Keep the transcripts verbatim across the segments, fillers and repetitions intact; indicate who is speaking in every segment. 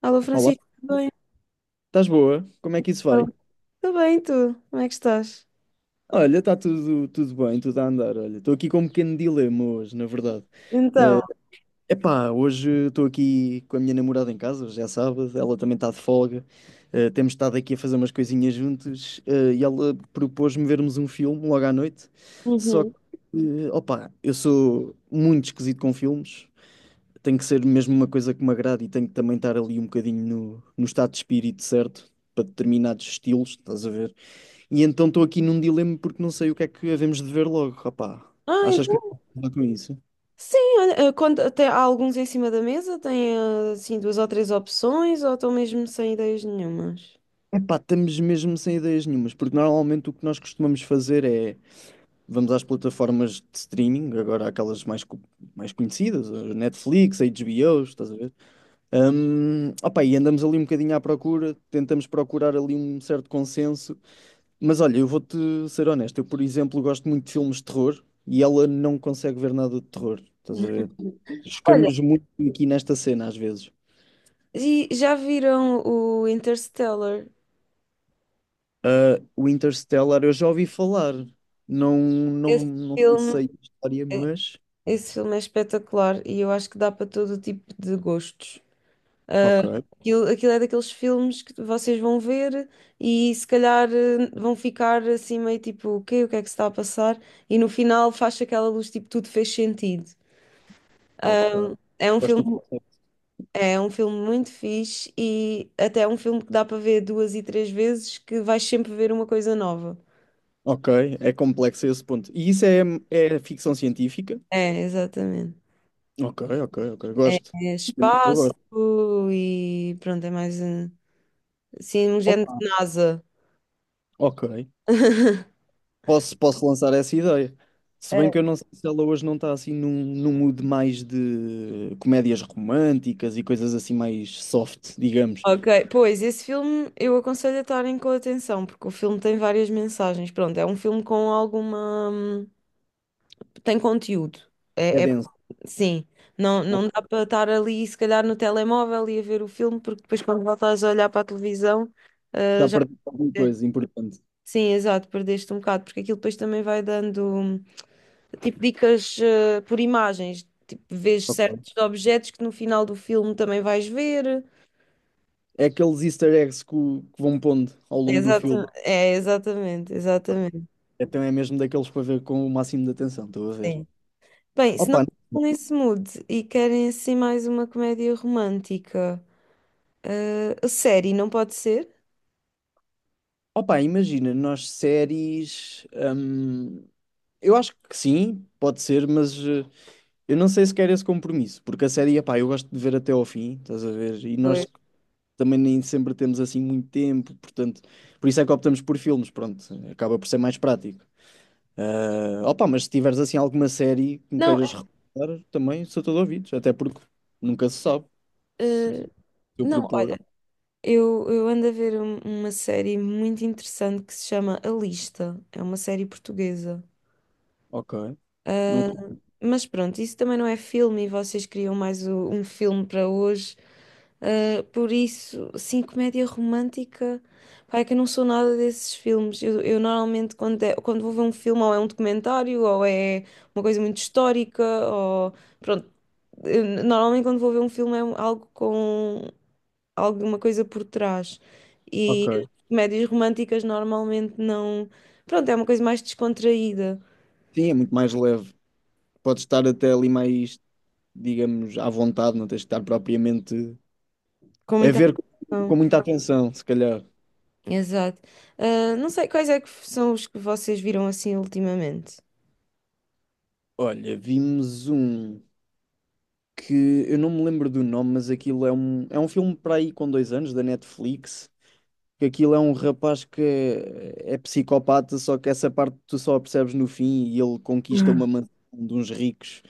Speaker 1: Alô,
Speaker 2: Olá,
Speaker 1: Francisco, tudo bem?
Speaker 2: estás boa? Como é que isso
Speaker 1: Então,
Speaker 2: vai?
Speaker 1: Tudo bem, e tu? Como é que estás?
Speaker 2: Olha, está tudo, tudo bem, tudo a andar. Olha, estou aqui com um pequeno dilema hoje, na verdade.
Speaker 1: Então,
Speaker 2: Eh, epá, hoje estou aqui com a minha namorada em casa, hoje é sábado, ela também está de folga. Eh, temos estado aqui a fazer umas coisinhas juntos, eh, e ela propôs-me vermos um filme logo à noite. Só que,
Speaker 1: Uhum.
Speaker 2: eh, opá, eu sou muito esquisito com filmes. Tem que ser mesmo uma coisa que me agrade e tenho que também estar ali um bocadinho no, no estado de espírito certo para determinados estilos, estás a ver? E então estou aqui num dilema porque não sei o que é que havemos de ver logo, rapá.
Speaker 1: Ah,
Speaker 2: Achas que me
Speaker 1: então,
Speaker 2: posso ajudar com isso?
Speaker 1: sim, olha, eh, quando, até há alguns em cima da mesa, tem eh, assim duas ou três opções, ou estão mesmo sem ideias nenhumas?
Speaker 2: Epá, estamos mesmo sem ideias nenhumas, porque normalmente o que nós costumamos fazer é vamos às plataformas de streaming, agora aquelas mais, co- mais conhecidas, a Netflix, a H B O, estás a ver? Hum, opá, e andamos ali um bocadinho à procura, tentamos procurar ali um certo consenso. Mas olha, eu vou-te ser honesto. Eu, por exemplo, gosto muito de filmes de terror e ela não consegue ver nada de terror. Estás a ver?
Speaker 1: Olha,
Speaker 2: Chocamos muito aqui nesta cena, às vezes.
Speaker 1: e já viram o Interstellar?
Speaker 2: Ah, o Interstellar, eu já ouvi falar. Não, não,
Speaker 1: Esse
Speaker 2: não
Speaker 1: filme,
Speaker 2: sei a história, mas.
Speaker 1: esse filme é espetacular e eu acho que dá para todo o tipo de gostos.
Speaker 2: Ok,
Speaker 1: Aquilo, aquilo é daqueles filmes que vocês vão ver e se calhar eh, vão ficar assim meio tipo, o quê? O que é que se está a passar? E no final faz aquela luz, tipo, tudo fez sentido.
Speaker 2: ok.
Speaker 1: É um
Speaker 2: Gosto do
Speaker 1: filme,
Speaker 2: conceito.
Speaker 1: é um filme muito fixe e até é um filme que dá para ver duas e três vezes que vais sempre ver uma coisa nova.
Speaker 2: Ok, é complexo a esse ponto. E isso é, é ficção científica?
Speaker 1: É, exatamente.
Speaker 2: Ok, ok, ok. Gosto.
Speaker 1: É
Speaker 2: Eu
Speaker 1: espaço
Speaker 2: gosto.
Speaker 1: e pronto, é mais eh, assim um género
Speaker 2: Opa,
Speaker 1: de NASA.
Speaker 2: ok. Posso, posso lançar essa ideia. Se bem que eu não sei se ela hoje não está assim num, num mood mais de comédias românticas e coisas assim mais soft, digamos.
Speaker 1: Ok, pois esse filme eu aconselho a estarem com atenção, porque o filme tem várias mensagens. Pronto, é um filme com alguma. hum, tem conteúdo.
Speaker 2: É
Speaker 1: É, é-
Speaker 2: denso.
Speaker 1: Sim, não, não dá
Speaker 2: Ok.
Speaker 1: para estar ali, se calhar, no telemóvel e a ver o filme, porque depois, quando voltas a olhar para a televisão.
Speaker 2: Já perdi alguma
Speaker 1: É.
Speaker 2: coisa importante.
Speaker 1: Sim, exato, perdeste um bocado, porque aquilo depois também vai dando hum, tipo dicas eh, por imagens, tipo, vês
Speaker 2: Ok.
Speaker 1: certos objetos que no final do filme também vais ver.
Speaker 2: É aqueles easter eggs que, o- que vão pondo ao longo do
Speaker 1: Exato,
Speaker 2: filme.
Speaker 1: é, exatamente,
Speaker 2: Ok.
Speaker 1: exatamente.
Speaker 2: Então é mesmo daqueles para ver com o máximo de atenção, estou a ver.
Speaker 1: Sim. Bem, se não
Speaker 2: Opa,
Speaker 1: estão nesse mood e querem assim mais uma comédia romântica, eh, a série não pode ser?
Speaker 2: opa, imagina, nós séries. Hum, eu acho que sim, pode ser, mas. eh, Eu não sei se quero esse compromisso, porque a série, epá, eu gosto de ver até ao fim, estás a ver? E
Speaker 1: Oi.
Speaker 2: nós também nem sempre temos assim muito tempo, portanto, por isso é que optamos por filmes, pronto, acaba por ser mais prático. Ah, opa, mas se tiveres assim alguma série que me
Speaker 1: Não, é,
Speaker 2: queiras recomendar, também sou todo ouvidos, até porque nunca se sabe. Se
Speaker 1: eh,
Speaker 2: se eu
Speaker 1: não,
Speaker 2: propor,
Speaker 1: olha, eu, eu ando a ver um- uma série muito interessante que se chama A Lista. É uma série portuguesa.
Speaker 2: ok. Nunca,
Speaker 1: Mas pronto, isso também não é filme e vocês criam mais o- um filme para hoje. Uh, por isso, sim, comédia romântica. Pá, é que eu não sou nada desses filmes. Eu, eu normalmente, quando, é- quando vou ver um filme, ou é um documentário, ou é uma coisa muito histórica, ou. Pronto. Eu normalmente, quando vou ver um filme, é um- algo com alguma coisa por trás. E
Speaker 2: ok.
Speaker 1: as comédias românticas normalmente não. Pronto, é uma coisa mais descontraída,
Speaker 2: Sim, é muito mais leve. Podes estar até ali mais, digamos, à vontade, não tens de estar propriamente
Speaker 1: com
Speaker 2: a
Speaker 1: muita
Speaker 2: ver com,
Speaker 1: ação.
Speaker 2: com muita atenção, se calhar.
Speaker 1: Exato. Ah, não sei quais é que são os que vocês viram assim ultimamente.
Speaker 2: Olha, vimos um que eu não me lembro do nome, mas aquilo é um, é um filme para aí com dois anos da Netflix. Que aquilo é um rapaz que é, é psicopata, só que essa parte tu só a percebes no fim e ele conquista
Speaker 1: Hum.
Speaker 2: uma mansão de uns ricos.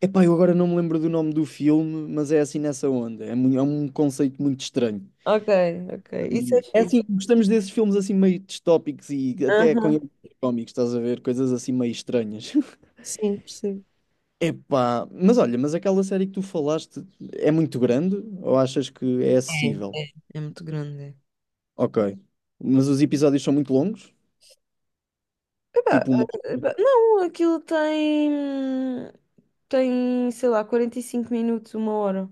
Speaker 2: Epá, eu agora não me lembro do nome do filme, mas é assim nessa onda. É, mu- é um conceito muito estranho.
Speaker 1: Ok, ok. Isso é
Speaker 2: Hum, É
Speaker 1: fixe.
Speaker 2: assim, gostamos desses filmes assim meio distópicos e até com
Speaker 1: Aham.
Speaker 2: elementos cómicos, estás a ver? Coisas assim meio estranhas.
Speaker 1: Sim, percebo.
Speaker 2: Epá, mas olha, mas aquela série que tu falaste é muito grande ou achas que é
Speaker 1: É.
Speaker 2: acessível?
Speaker 1: É muito grande. É.
Speaker 2: Ok. Mas os episódios são muito longos? Tipo uma...
Speaker 1: Eh, pá, Não, aquilo tem, tem, sei lá, quarenta e cinco minutos, uma hora,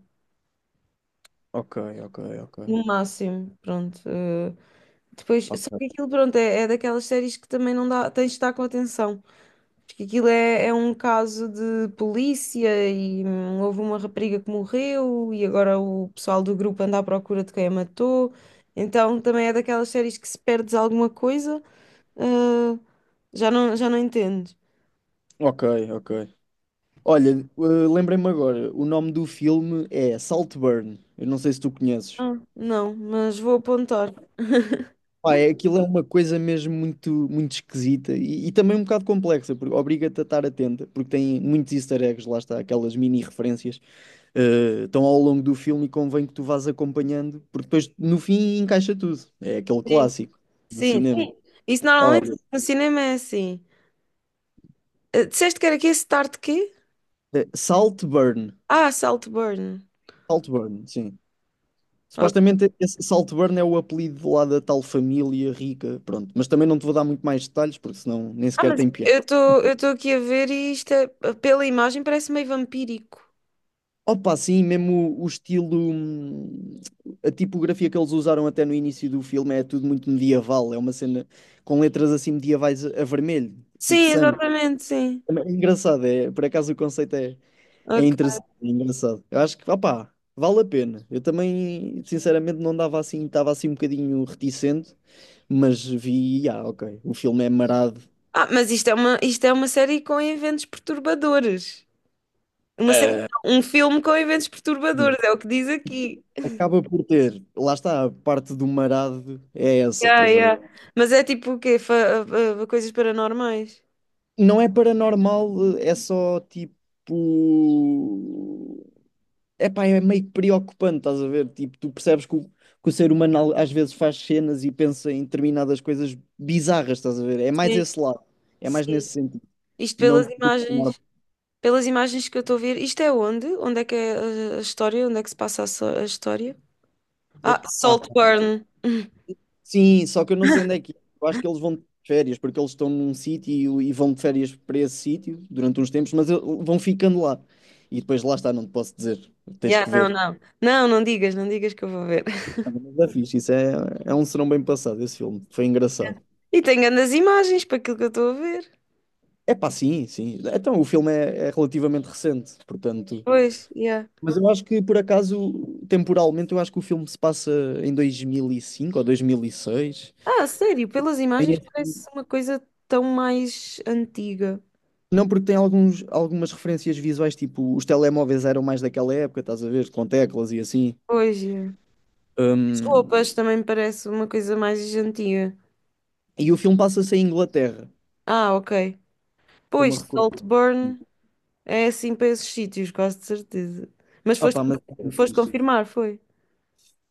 Speaker 2: Ok, ok, ok,
Speaker 1: no máximo, pronto. Eh, depois, só
Speaker 2: ok.
Speaker 1: que aquilo, pronto, é, é daquelas séries que também não dá, tens de estar com atenção. Porque aquilo é, é um caso de polícia e hum, houve uma rapariga que morreu e agora o pessoal do grupo anda à procura de quem a matou. Então também é daquelas séries que se perdes alguma coisa, ah, já não, já não entendes.
Speaker 2: Ok, ok. Olha, eh, lembrei-me agora, o nome do filme é Saltburn. Eu não sei se tu conheces.
Speaker 1: Ah, não, mas vou apontar.
Speaker 2: Pá, é, aquilo é uma coisa mesmo muito, muito esquisita e, e também um bocado complexa, porque obriga-te a estar atenta, porque tem muitos easter eggs, lá está, aquelas mini referências. Eh, então, ao longo do filme, convém que tu vás acompanhando, porque depois no fim encaixa tudo. É aquele
Speaker 1: Sim,
Speaker 2: clássico do
Speaker 1: sim. Sim.
Speaker 2: cinema.
Speaker 1: Isso normalmente
Speaker 2: Olha,
Speaker 1: no cinema é assim. Ah, disseste que era aqui Start quê?
Speaker 2: eh, Saltburn.
Speaker 1: Ah, Saltburn.
Speaker 2: Saltburn, sim.
Speaker 1: Ok.
Speaker 2: Supostamente esse Saltburn é o apelido lá da tal família rica, pronto. Mas também não te vou dar muito mais detalhes, porque senão nem
Speaker 1: Ah,
Speaker 2: sequer
Speaker 1: mas
Speaker 2: tem piada.
Speaker 1: eu estou eu estou aqui a ver e isto é- pela imagem parece meio vampírico.
Speaker 2: Opa, sim, mesmo o, o estilo, hum, a tipografia que eles usaram até no início do filme é tudo muito medieval, é uma cena com letras assim medievais a a vermelho, tipo
Speaker 1: Sim,
Speaker 2: sangue.
Speaker 1: exatamente, sim.
Speaker 2: É engraçado, é, por acaso o conceito é, é
Speaker 1: Ok.
Speaker 2: interessante, é engraçado. Eu acho que, opá, vale a pena. Eu também, sinceramente, não dava assim, estava assim um bocadinho reticente, mas vi, ah, ok, o filme é marado.
Speaker 1: Ah, mas isto é uma, isto é uma série com eventos perturbadores. Uma série,
Speaker 2: Ah,
Speaker 1: não, um filme com eventos perturbadores,
Speaker 2: sim.
Speaker 1: é o que diz aqui.
Speaker 2: Acaba por ter, lá está, a parte do marado é essa,
Speaker 1: Yeah,
Speaker 2: estás a ver?
Speaker 1: yeah. Mas é tipo o quê? Fa- ah, ah, coisas paranormais?
Speaker 2: Não é paranormal, é só tipo. Epá, é meio preocupante, estás a ver? Tipo, tu percebes que o, que o ser humano al- às vezes faz cenas e pensa em determinadas coisas bizarras, estás a ver? É mais
Speaker 1: Sim,
Speaker 2: esse lado, é mais
Speaker 1: sim.
Speaker 2: nesse sentido.
Speaker 1: Isto
Speaker 2: Não
Speaker 1: pelas
Speaker 2: te conformar.
Speaker 1: imagens, pelas imagens que eu estou a ver. Isto é onde? Onde é que é a, a história? Onde é que se passa a, so- a história? Ah,
Speaker 2: Epá,
Speaker 1: Saltburn.
Speaker 2: sim, só que eu não sei onde é que é. Eu acho que eles vão de férias, porque eles estão num sítio e vão de férias para esse sítio durante uns tempos, mas eu- vão ficando lá. E depois lá está, não te posso dizer, tens
Speaker 1: Yeah,
Speaker 2: que
Speaker 1: não,
Speaker 2: ver.
Speaker 1: não. Não, não digas, não digas que eu vou ver.
Speaker 2: Mas é fixe, isso é, é um serão bem passado, esse filme. Foi engraçado.
Speaker 1: E tenho grandes imagens para aquilo que eu estou a ver.
Speaker 2: É pá, sim, sim. Então, o filme é, é relativamente recente, portanto.
Speaker 1: Pois, yeah.
Speaker 2: Mas eu acho que, por acaso, temporalmente, eu acho que o filme se passa em dois mil e cinco ou dois mil e seis.
Speaker 1: Ah, sério, pelas
Speaker 2: Tem
Speaker 1: imagens
Speaker 2: esse-
Speaker 1: parece uma coisa tão mais antiga.
Speaker 2: Não, porque tem alguns, algumas referências visuais, tipo, os telemóveis eram mais daquela época, estás a ver, com teclas e assim.
Speaker 1: Pois é. As
Speaker 2: Hum,
Speaker 1: roupas também parece uma coisa mais antiga.
Speaker 2: e o filme passa-se em Inglaterra,
Speaker 1: Ah, ok.
Speaker 2: estou-me
Speaker 1: Pois,
Speaker 2: a recordar.
Speaker 1: Saltburn é assim para esses sítios, quase de certeza. Mas
Speaker 2: Ah
Speaker 1: foste,
Speaker 2: pá, mas é muito
Speaker 1: foste
Speaker 2: fixe.
Speaker 1: confirmar, foi?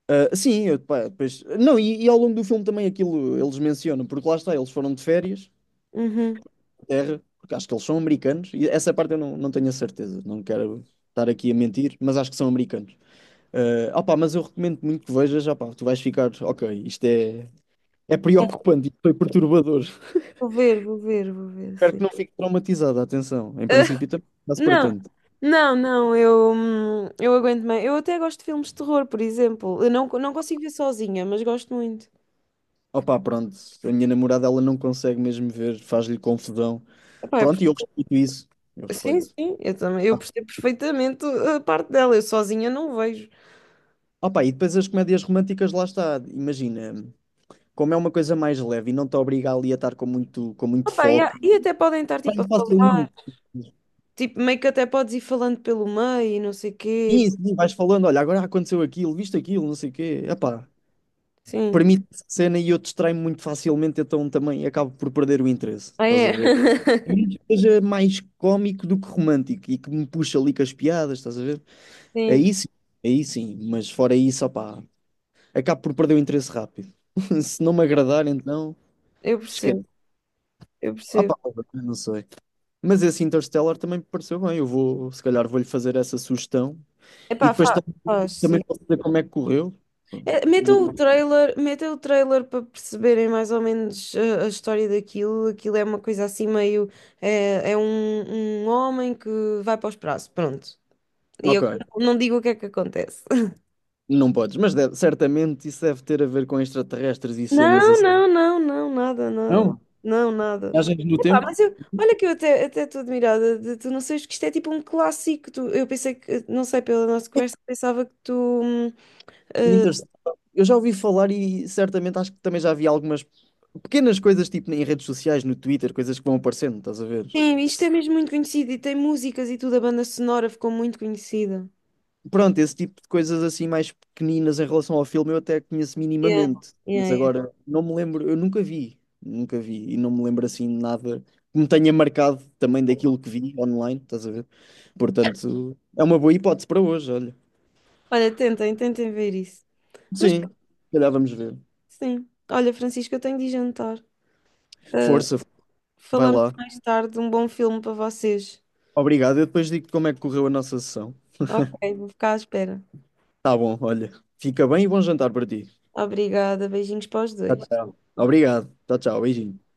Speaker 2: Ah, sim, eu, pá, depois... Não, e, e ao longo do filme também aquilo eles mencionam, porque lá está, eles foram de férias
Speaker 1: Uhum.
Speaker 2: Inglaterra, porque acho que eles são americanos, e essa parte eu não, não tenho a certeza, não quero estar aqui a mentir, mas acho que são americanos. Ah opá, mas eu recomendo muito que vejas, opá, tu vais ficar, ok, isto é, é
Speaker 1: É,
Speaker 2: preocupante, isto foi perturbador.
Speaker 1: vou ver, vou ver, vou ver,
Speaker 2: Espero
Speaker 1: sim.
Speaker 2: que não fique traumatizada, atenção, em princípio também não se para
Speaker 1: Não,
Speaker 2: tanto.
Speaker 1: não, não, eu, hum, eu aguento bem. Eu até gosto de filmes de terror, por exemplo. Eu não, não consigo ver sozinha, mas gosto muito.
Speaker 2: Opá, pronto, a minha namorada ela não consegue mesmo ver, faz-lhe confusão.
Speaker 1: Epá, eu
Speaker 2: Pronto, e eu respeito isso, eu
Speaker 1: Sim,
Speaker 2: respeito.
Speaker 1: sim, eu também, eu
Speaker 2: Ah,
Speaker 1: percebo perfeitamente a parte dela, eu sozinha não vejo.
Speaker 2: opá, e depois as comédias românticas, lá está, imagina como é uma coisa mais leve e não te obriga ali a estar com muito, com muito
Speaker 1: Opa, e, há-
Speaker 2: foco,
Speaker 1: e até podem estar tipo a
Speaker 2: bem
Speaker 1: falar,
Speaker 2: facilmente.
Speaker 1: tipo, meio que até podes ir falando pelo meio e não sei quê.
Speaker 2: Sim, sim, vais falando, olha, agora aconteceu aquilo, viste aquilo, não sei o quê. Epá,
Speaker 1: Sim.
Speaker 2: permite essa cena e eu distraio-me muito facilmente, então também acabo por perder o interesse,
Speaker 1: Ah,
Speaker 2: estás a
Speaker 1: é?
Speaker 2: ver? É muito que seja mais cómico do que romântico e que me puxa ali com as piadas, estás a ver?
Speaker 1: Sim,
Speaker 2: Aí sim, aí sim, mas fora isso, opá, acabo por perder o interesse rápido. Se não me agradar, então,
Speaker 1: eu
Speaker 2: esquece.
Speaker 1: percebo, eu
Speaker 2: Opá,
Speaker 1: percebo.
Speaker 2: não sei. Mas esse Interstellar também me pareceu bem, eu vou, se calhar vou-lhe fazer essa sugestão. E
Speaker 1: Epá,
Speaker 2: depois
Speaker 1: fa-
Speaker 2: tam-
Speaker 1: Faz,
Speaker 2: também
Speaker 1: sim.
Speaker 2: posso dizer como é que correu.
Speaker 1: É, metam o trailer, metam o trailer para perceberem mais ou menos a, a história daquilo. Aquilo é uma coisa assim meio. É, é um, um homem que vai para os prazos, pronto. E
Speaker 2: Ok,
Speaker 1: eu não digo o que é que acontece.
Speaker 2: não podes, mas deve- certamente isso deve ter a ver com extraterrestres e cenas
Speaker 1: Não,
Speaker 2: assim.
Speaker 1: não, não, não, nada, nada.
Speaker 2: Não,
Speaker 1: Não, nada.
Speaker 2: viagens no
Speaker 1: Epá,
Speaker 2: tempo.
Speaker 1: mas eu, olha que eu até até estou admirada de tu não seres, que isto é tipo um clássico. Tu, eu pensei que, não sei, pela nossa conversa, pensava que tu. hum, eh,
Speaker 2: Interstellar. Eu já ouvi falar e certamente acho que também já vi algumas pequenas coisas, tipo em redes sociais, no Twitter, coisas que vão aparecendo, estás a ver?
Speaker 1: sim, isto é mesmo muito conhecido e tem músicas e tudo, a banda sonora ficou muito conhecida.
Speaker 2: Pronto, esse tipo de coisas assim mais pequeninas em relação ao filme eu até conheço
Speaker 1: Yeah,
Speaker 2: minimamente,
Speaker 1: yeah,
Speaker 2: mas
Speaker 1: yeah.
Speaker 2: agora não me lembro, eu nunca vi, nunca vi e não me lembro assim de nada que me tenha marcado também daquilo que vi online, estás a ver? Portanto, é uma boa hipótese para hoje, olha.
Speaker 1: Olha, tentem, tentem ver isso. Mas
Speaker 2: Sim, se
Speaker 1: pronto,
Speaker 2: calhar vamos ver.
Speaker 1: sim. Olha, Francisco, eu tenho de ir jantar. Eh,
Speaker 2: Força, vai
Speaker 1: Falamos
Speaker 2: lá.
Speaker 1: mais tarde, um bom filme para vocês.
Speaker 2: Obrigado, eu depois digo-te como é que correu a nossa sessão.
Speaker 1: Ok, vou ficar à espera.
Speaker 2: Tá bom, olha, fica bem e bom jantar para ti.
Speaker 1: Obrigada, beijinhos para os
Speaker 2: Tchau,
Speaker 1: dois.
Speaker 2: tchau. Obrigado, tchau, tchau, beijinho.